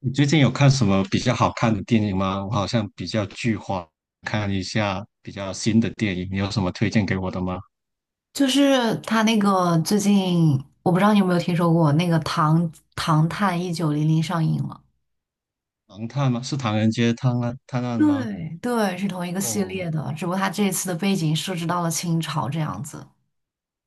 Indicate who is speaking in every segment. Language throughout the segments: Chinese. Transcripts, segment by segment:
Speaker 1: 你最近有看什么比较好看的电影吗？我好像比较剧荒，看一下比较新的电影，你有什么推荐给我的吗？
Speaker 2: 就是他那个最近，我不知道你有没有听说过那个《唐探1900》上映了。
Speaker 1: 唐探吗？是《唐人街探案探案》吗？
Speaker 2: 对对，是同一个系
Speaker 1: 哦，
Speaker 2: 列的，只不过他这次的背景设置到了清朝这样子。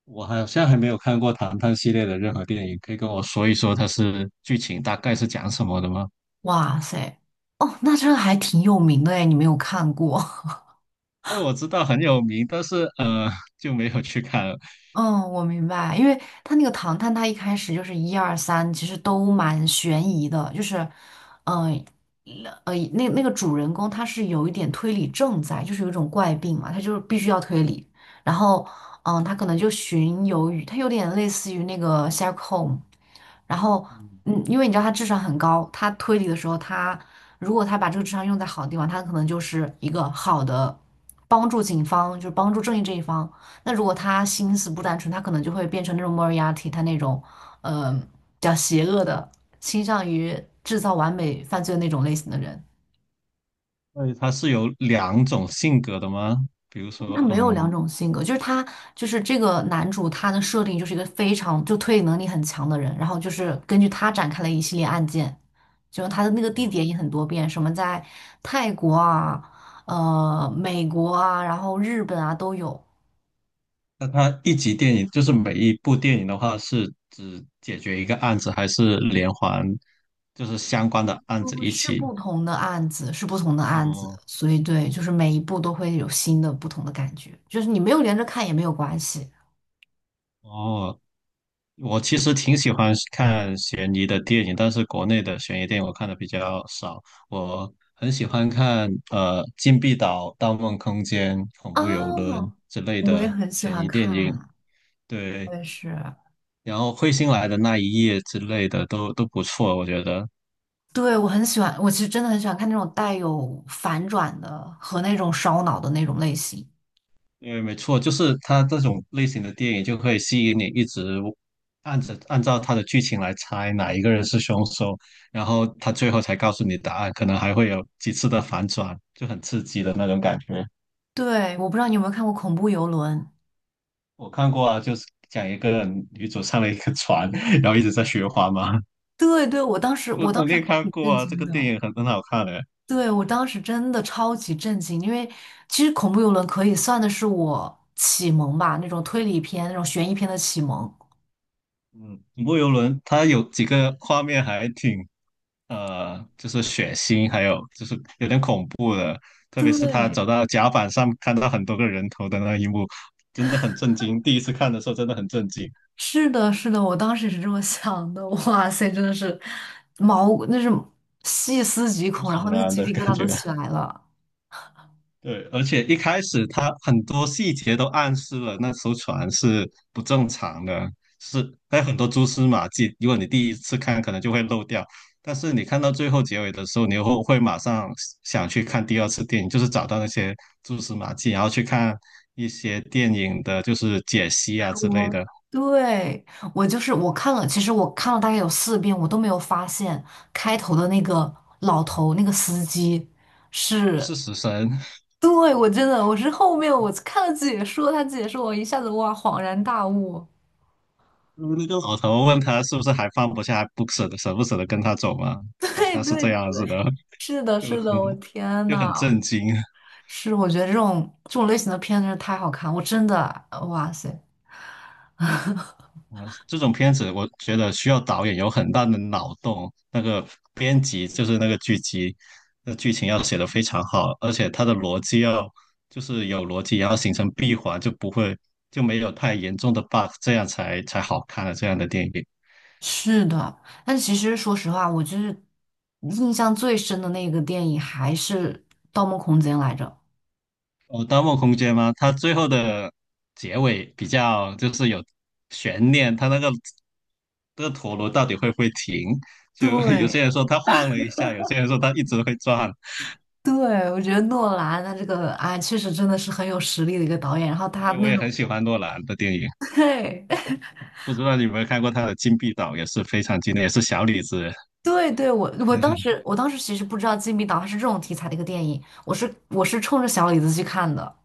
Speaker 1: 我好像还没有看过《唐探》系列的任何电影，可以跟我说一说它是剧情大概是讲什么的吗？
Speaker 2: 哇塞，哦，那这个还挺有名的哎，你没有看过？
Speaker 1: 哎，我知道很有名，但是就没有去看了。
Speaker 2: 嗯，我明白，因为他那个唐探，他一开始就是1、2、3，其实都蛮悬疑的，就是，嗯、那个主人公他是有一点推理症在，就是有一种怪病嘛，他就是必须要推理，然后，他可能就巡游于，他有点类似于那个 Sherlock Holmes，然后，
Speaker 1: 嗯，
Speaker 2: 因为你知道他智商很高，他推理的时候他，如果他把这个智商用在好的地方，他可能就是一个好的帮助警方，就是帮助正义这一方。那如果他心思不单纯，他可能就会变成那种莫尔亚蒂，他那种，比较邪恶的，倾向于制造完美犯罪的那种类型的人。
Speaker 1: 那它是有两种性格的吗？比如
Speaker 2: 他
Speaker 1: 说，
Speaker 2: 没有两
Speaker 1: 嗯。
Speaker 2: 种性格，就是他就是这个男主，他的设定就是一个非常就推理能力很强的人，然后就是根据他展开了一系列案件，就他的那个地
Speaker 1: 哦，
Speaker 2: 点也很多变，什么在泰国啊、美国啊，然后日本啊都有，
Speaker 1: 那它一集电影就是每一部电影的话，是只解决一个案子，还是连环，就是相关的案子
Speaker 2: 嗯，
Speaker 1: 一
Speaker 2: 是
Speaker 1: 起？
Speaker 2: 不同的案子，是不同的案子，
Speaker 1: 哦
Speaker 2: 所以对，就是每一部都会有新的不同的感觉，就是你没有连着看也没有关系
Speaker 1: 哦，我其实挺喜欢看悬疑的电影，但是国内的悬疑电影我看的比较少。我很喜欢看《禁闭岛》《盗梦空间》《恐怖游轮》
Speaker 2: 啊，
Speaker 1: 之类
Speaker 2: 我也
Speaker 1: 的
Speaker 2: 很喜
Speaker 1: 悬
Speaker 2: 欢
Speaker 1: 疑电影，
Speaker 2: 看，我
Speaker 1: 对，
Speaker 2: 也是。
Speaker 1: 然后彗星来的那一夜之类的都不错，我觉得。
Speaker 2: 对，我很喜欢，我其实真的很喜欢看那种带有反转的和那种烧脑的那种类型。
Speaker 1: 对，没错，就是它这种类型的电影就可以吸引你一直按照它的剧情来猜哪一个人是凶手，然后他最后才告诉你答案，可能还会有几次的反转，就很刺激的那种感觉。
Speaker 2: 对，我不知道你有没有看过《恐怖游轮》？
Speaker 1: 我看过啊，就是讲一个女主上了一个船，然后一直在循环嘛。
Speaker 2: 对对，我当时
Speaker 1: 我
Speaker 2: 我当
Speaker 1: 肯
Speaker 2: 时还
Speaker 1: 定看
Speaker 2: 挺
Speaker 1: 过
Speaker 2: 震
Speaker 1: 啊，这
Speaker 2: 惊
Speaker 1: 个电
Speaker 2: 的。
Speaker 1: 影很好看的。
Speaker 2: 对，我当时真的超级震惊，因为其实《恐怖游轮》可以算的是我启蒙吧，那种推理片、那种悬疑片的启蒙。
Speaker 1: 嗯，恐怖游轮它有几个画面还挺就是血腥，还有就是有点恐怖的，特别是他
Speaker 2: 对，
Speaker 1: 走到甲板上看到很多个人头的那一幕，真的很震惊。第一次看的时候真的很震惊，
Speaker 2: 是的，是的，我当时也是这么想的。哇塞，真的是毛，那是细思
Speaker 1: 毛
Speaker 2: 极
Speaker 1: 骨
Speaker 2: 恐，然后
Speaker 1: 悚
Speaker 2: 那个
Speaker 1: 然
Speaker 2: 鸡
Speaker 1: 的
Speaker 2: 皮疙
Speaker 1: 感
Speaker 2: 瘩都
Speaker 1: 觉。
Speaker 2: 起来了。
Speaker 1: 对，而且一开始他很多细节都暗示了那艘船是不正常的，是还有很多蛛丝马迹。如果你第一次看，可能就会漏掉，但是你看到最后结尾的时候，你又会马上想去看第二次电影，就是找到那些蛛丝马迹，然后去看一些电影的，就是解析啊之类
Speaker 2: 我
Speaker 1: 的。
Speaker 2: 对我就是我看了，其实我看了大概有4遍，我都没有发现开头的那个老头那个司机是，
Speaker 1: 是死神，
Speaker 2: 对，我真的我是后面我看了解说，他解说我一下子哇恍然大悟，
Speaker 1: 那个老头问他是不是还放不下，还不舍得，舍不舍得跟他走吗？好
Speaker 2: 对
Speaker 1: 像是
Speaker 2: 对
Speaker 1: 这样子的，
Speaker 2: 对，是的，
Speaker 1: 就
Speaker 2: 是的，我
Speaker 1: 很
Speaker 2: 天
Speaker 1: 就
Speaker 2: 呐，
Speaker 1: 很震惊。
Speaker 2: 是我觉得这种类型的片真是太好看，我真的哇塞，
Speaker 1: 这种片子，我觉得需要导演有很大的脑洞，那个编辑就是那个剧集，那剧情要写得非常好，而且它的逻辑要就是有逻辑，然后形成闭环，就不会就没有太严重的 bug,这样才好看的这样的电影。
Speaker 2: 是的，但其实说实话，我就是印象最深的那个电影还是《盗梦空间》来着。
Speaker 1: 哦，《盗梦空间》吗？它最后的结尾比较就是有悬念，它那个这个陀螺到底会不会停？就 有
Speaker 2: 对
Speaker 1: 些人说它晃了一下，有些人说它一直会转，
Speaker 2: 对，我觉得诺兰他这个啊，确实真的是很有实力的一个导演。然后他
Speaker 1: 对，我
Speaker 2: 那
Speaker 1: 也
Speaker 2: 种，
Speaker 1: 很喜欢诺兰的电影，
Speaker 2: 对
Speaker 1: 不知道你有没有看过他的《金币岛》，也是非常经典，也是小李子。
Speaker 2: 对对，我我当时 我当时其实不知道《禁闭岛》它是这种题材的一个电影，我是冲着小李子去看的，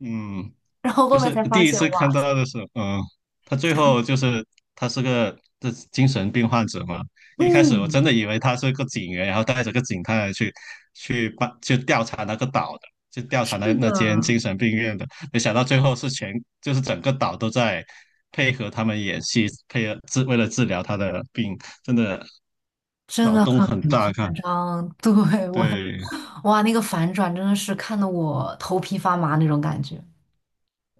Speaker 1: 嗯，
Speaker 2: 然后后
Speaker 1: 就
Speaker 2: 面
Speaker 1: 是
Speaker 2: 才发
Speaker 1: 第一
Speaker 2: 现
Speaker 1: 次看
Speaker 2: 哇，
Speaker 1: 到的时候，他最后就是他是个这精神病患者嘛。一开始我真
Speaker 2: 嗯，
Speaker 1: 的以为他是个警员，然后带着个警探去去调查那个岛的，去调查那
Speaker 2: 是
Speaker 1: 那间
Speaker 2: 的，
Speaker 1: 精神病院的。没想到最后是就是整个岛都在配合他们演戏，配合为了治疗他的病，真的
Speaker 2: 真
Speaker 1: 脑
Speaker 2: 的。
Speaker 1: 洞
Speaker 2: 很。
Speaker 1: 很大啊看。
Speaker 2: 嗯，对，我，
Speaker 1: 对，
Speaker 2: 哇，那个反转真的是看得我头皮发麻那种感觉。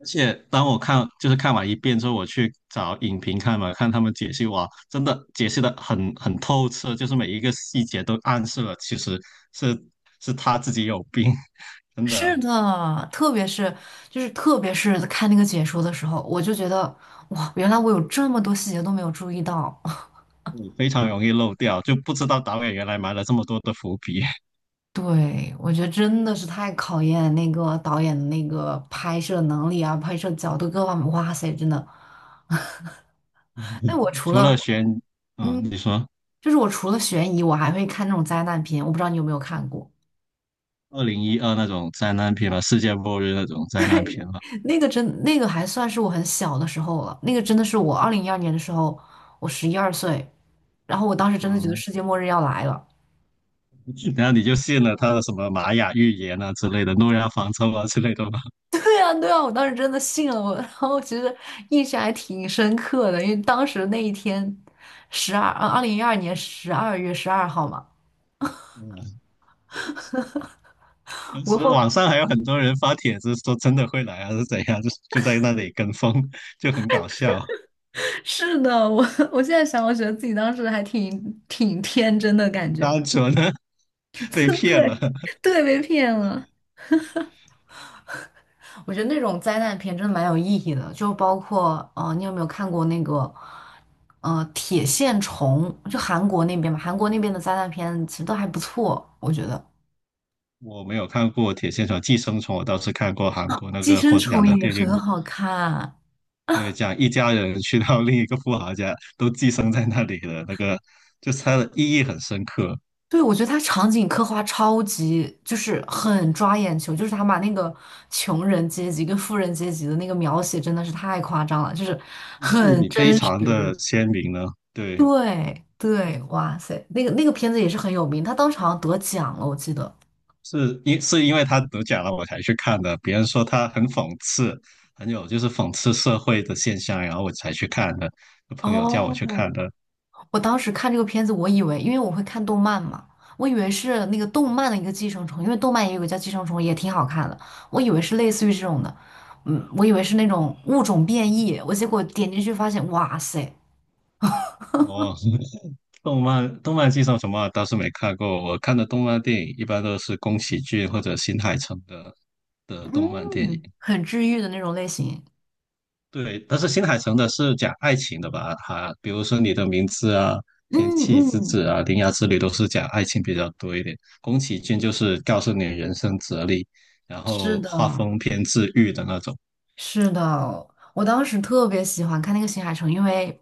Speaker 1: 而且当我看就是看完一遍之后，我去找影评看嘛，看他们解析，哇，真的解析的很透彻，就是每一个细节都暗示了，其实是是他自己有病，真
Speaker 2: 是
Speaker 1: 的，
Speaker 2: 的，特别是看那个解说的时候，我就觉得哇，原来我有这么多细节都没有注意到。
Speaker 1: 你非常容易漏掉，就不知道导演原来埋了这么多的伏笔。
Speaker 2: 对，我觉得真的是太考验那个导演的那个拍摄能力啊，拍摄角度各方面，哇塞，真的。哎，
Speaker 1: 除了悬，嗯，你
Speaker 2: 嗯，
Speaker 1: 说
Speaker 2: 我除了悬疑，我还会看那种灾难片，我不知道你有没有看过。
Speaker 1: 2012那种灾难片嘛，世界末日那种灾难片嘛，
Speaker 2: 那个真那个还算是我很小的时候了，那个真的是我二零一二年的时候，我十一二岁，然后我当时真的觉得
Speaker 1: 嗯，
Speaker 2: 世界末日要来了。
Speaker 1: 然后你就信了他的什么玛雅预言啊之类的，诺亚方舟啊之类的吧。
Speaker 2: 对啊，对啊，我当时真的信了我，然后其实印象还挺深刻的，因为当时那一天2012年12月12号嘛。
Speaker 1: 嗯嗯
Speaker 2: 不过
Speaker 1: 所以
Speaker 2: 后
Speaker 1: 网上还有很多人发帖子说真的会来啊，是怎样？就在那里跟风，就很搞笑。
Speaker 2: 是的，我现在想，我觉得自己当时还挺天真的感觉，
Speaker 1: 单纯呢 被骗了。
Speaker 2: 对，对，被骗了。我觉得那种灾难片真的蛮有意义的，就包括你有没有看过那个《铁线虫》？就韩国那边嘛，韩国那边的灾难片其实都还不错，我觉得
Speaker 1: 我没有看过《铁线虫寄生虫》，我倒是看过韩国那
Speaker 2: 《寄
Speaker 1: 个
Speaker 2: 生
Speaker 1: 获
Speaker 2: 虫》
Speaker 1: 奖的
Speaker 2: 也
Speaker 1: 电影，
Speaker 2: 很好看。
Speaker 1: 对，讲一家人去到另一个富豪家，都寄生在那里的那个就是它的意义很深刻，
Speaker 2: 对，我觉得它场景刻画超级，就是很抓眼球，就是他把那个穷人阶级跟富人阶级的那个描写真的是太夸张了，就是
Speaker 1: 对
Speaker 2: 很
Speaker 1: 比非
Speaker 2: 真
Speaker 1: 常的
Speaker 2: 实。
Speaker 1: 鲜明呢。对，
Speaker 2: 对对，哇塞，那个片子也是很有名，他当时好像得奖了，我记得。
Speaker 1: 是因为他得奖了我才去看的，别人说他很讽刺，很有就是讽刺社会的现象，然后我才去看的，朋友叫我
Speaker 2: 哦，
Speaker 1: 去看的。
Speaker 2: 我当时看这个片子，我以为，因为我会看动漫嘛，我以为是那个动漫的一个寄生虫，因为动漫也有个叫寄生虫，也挺好看的，我以为是类似于这种的，嗯，我以为是那种物种变异，我结果点进去发现，哇塞，
Speaker 1: 哦，动漫剧上什么啊倒是没看过，我看的动漫电影一般都是宫崎骏或者新海诚的动漫电影。
Speaker 2: 嗯，很治愈的那种类型，
Speaker 1: 对，但是新海诚的是讲爱情的吧？哈，比如说你的名字啊、天
Speaker 2: 嗯
Speaker 1: 气之
Speaker 2: 嗯，
Speaker 1: 子啊、铃芽之旅都是讲爱情比较多一点。宫崎骏就是告诉你人生哲理，然
Speaker 2: 是
Speaker 1: 后
Speaker 2: 的，
Speaker 1: 画风偏治愈的那种，
Speaker 2: 是的，我当时特别喜欢看那个新海诚，因为，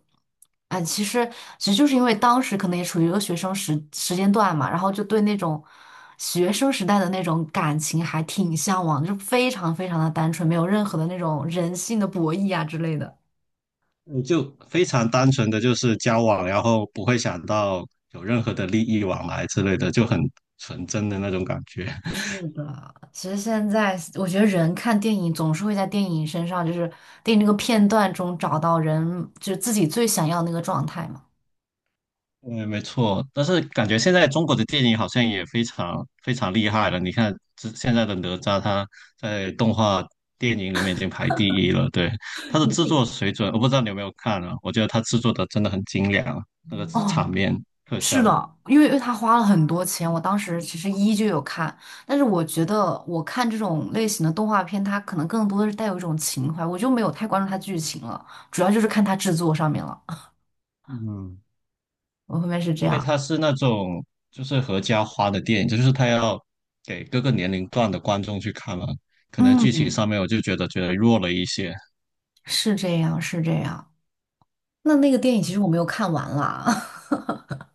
Speaker 2: 哎，其实就是因为当时可能也处于一个学生时间段嘛，然后就对那种学生时代的那种感情还挺向往，就非常非常的单纯，没有任何的那种人性的博弈啊之类的。
Speaker 1: 你就非常单纯的就是交往，然后不会想到有任何的利益往来之类的，就很纯真的那种感觉。
Speaker 2: 是的，其实现在我觉得人看电影总是会在电影身上，就是电影那个片段中找到人，就是自己最想要的那个状态嘛。
Speaker 1: 嗯，没错，但是感觉现在中国的电影好像也非常非常厉害了。你看，这现在的哪吒，他在动画电影里面已经排第一了。对，他的制作水准，我不知道你有没有看啊？我觉得他制作的真的很精良，那个
Speaker 2: 哦，
Speaker 1: 场面特
Speaker 2: 是
Speaker 1: 效，
Speaker 2: 的，因为他花了很多钱，我当时其实就有看，但是我觉得我看这种类型的动画片，它可能更多的是带有一种情怀，我就没有太关注它剧情了，主要就是看它制作上面了。
Speaker 1: 嗯，
Speaker 2: 我后面是
Speaker 1: 因
Speaker 2: 这
Speaker 1: 为
Speaker 2: 样，
Speaker 1: 它是那种就是合家欢的电影，就是他要给各个年龄段的观众去看嘛。可能剧情
Speaker 2: 嗯，
Speaker 1: 上面我就觉得弱了一些。
Speaker 2: 是这样，是这样。那个电影其实我没有看完啦，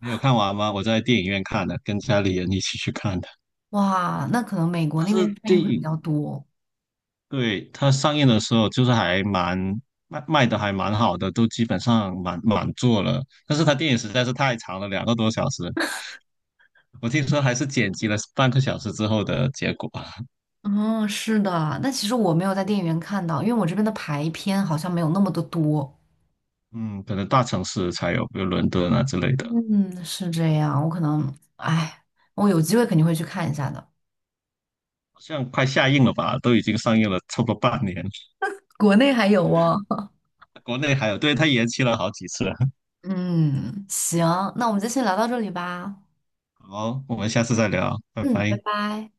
Speaker 1: 你有看完吗？我在电影院看的，跟家里人一起去看的。
Speaker 2: 哇，那可能美国
Speaker 1: 但
Speaker 2: 那边
Speaker 1: 是
Speaker 2: 上
Speaker 1: 电
Speaker 2: 映会比
Speaker 1: 影
Speaker 2: 较多。
Speaker 1: 对它上映的时候就是还蛮卖的还蛮好的，都基本上满满座了。但是它电影实在是太长了，2个多小时，我听说还是剪辑了半个小时之后的结果。
Speaker 2: 嗯，是的，但其实我没有在电影院看到，因为我这边的排片好像没有那么的多。
Speaker 1: 嗯，可能大城市才有，比如伦敦啊之类的。
Speaker 2: 嗯，是这样，我可能，哎，我有机会肯定会去看一下的。
Speaker 1: 好像快下映了吧，都已经上映了差不多半年，
Speaker 2: 国内还有哦。
Speaker 1: 国内还有，对，它延期了好几次。
Speaker 2: 嗯，行，那我们就先聊到这里吧。
Speaker 1: 好，我们下次再聊，拜
Speaker 2: 嗯，拜
Speaker 1: 拜。
Speaker 2: 拜。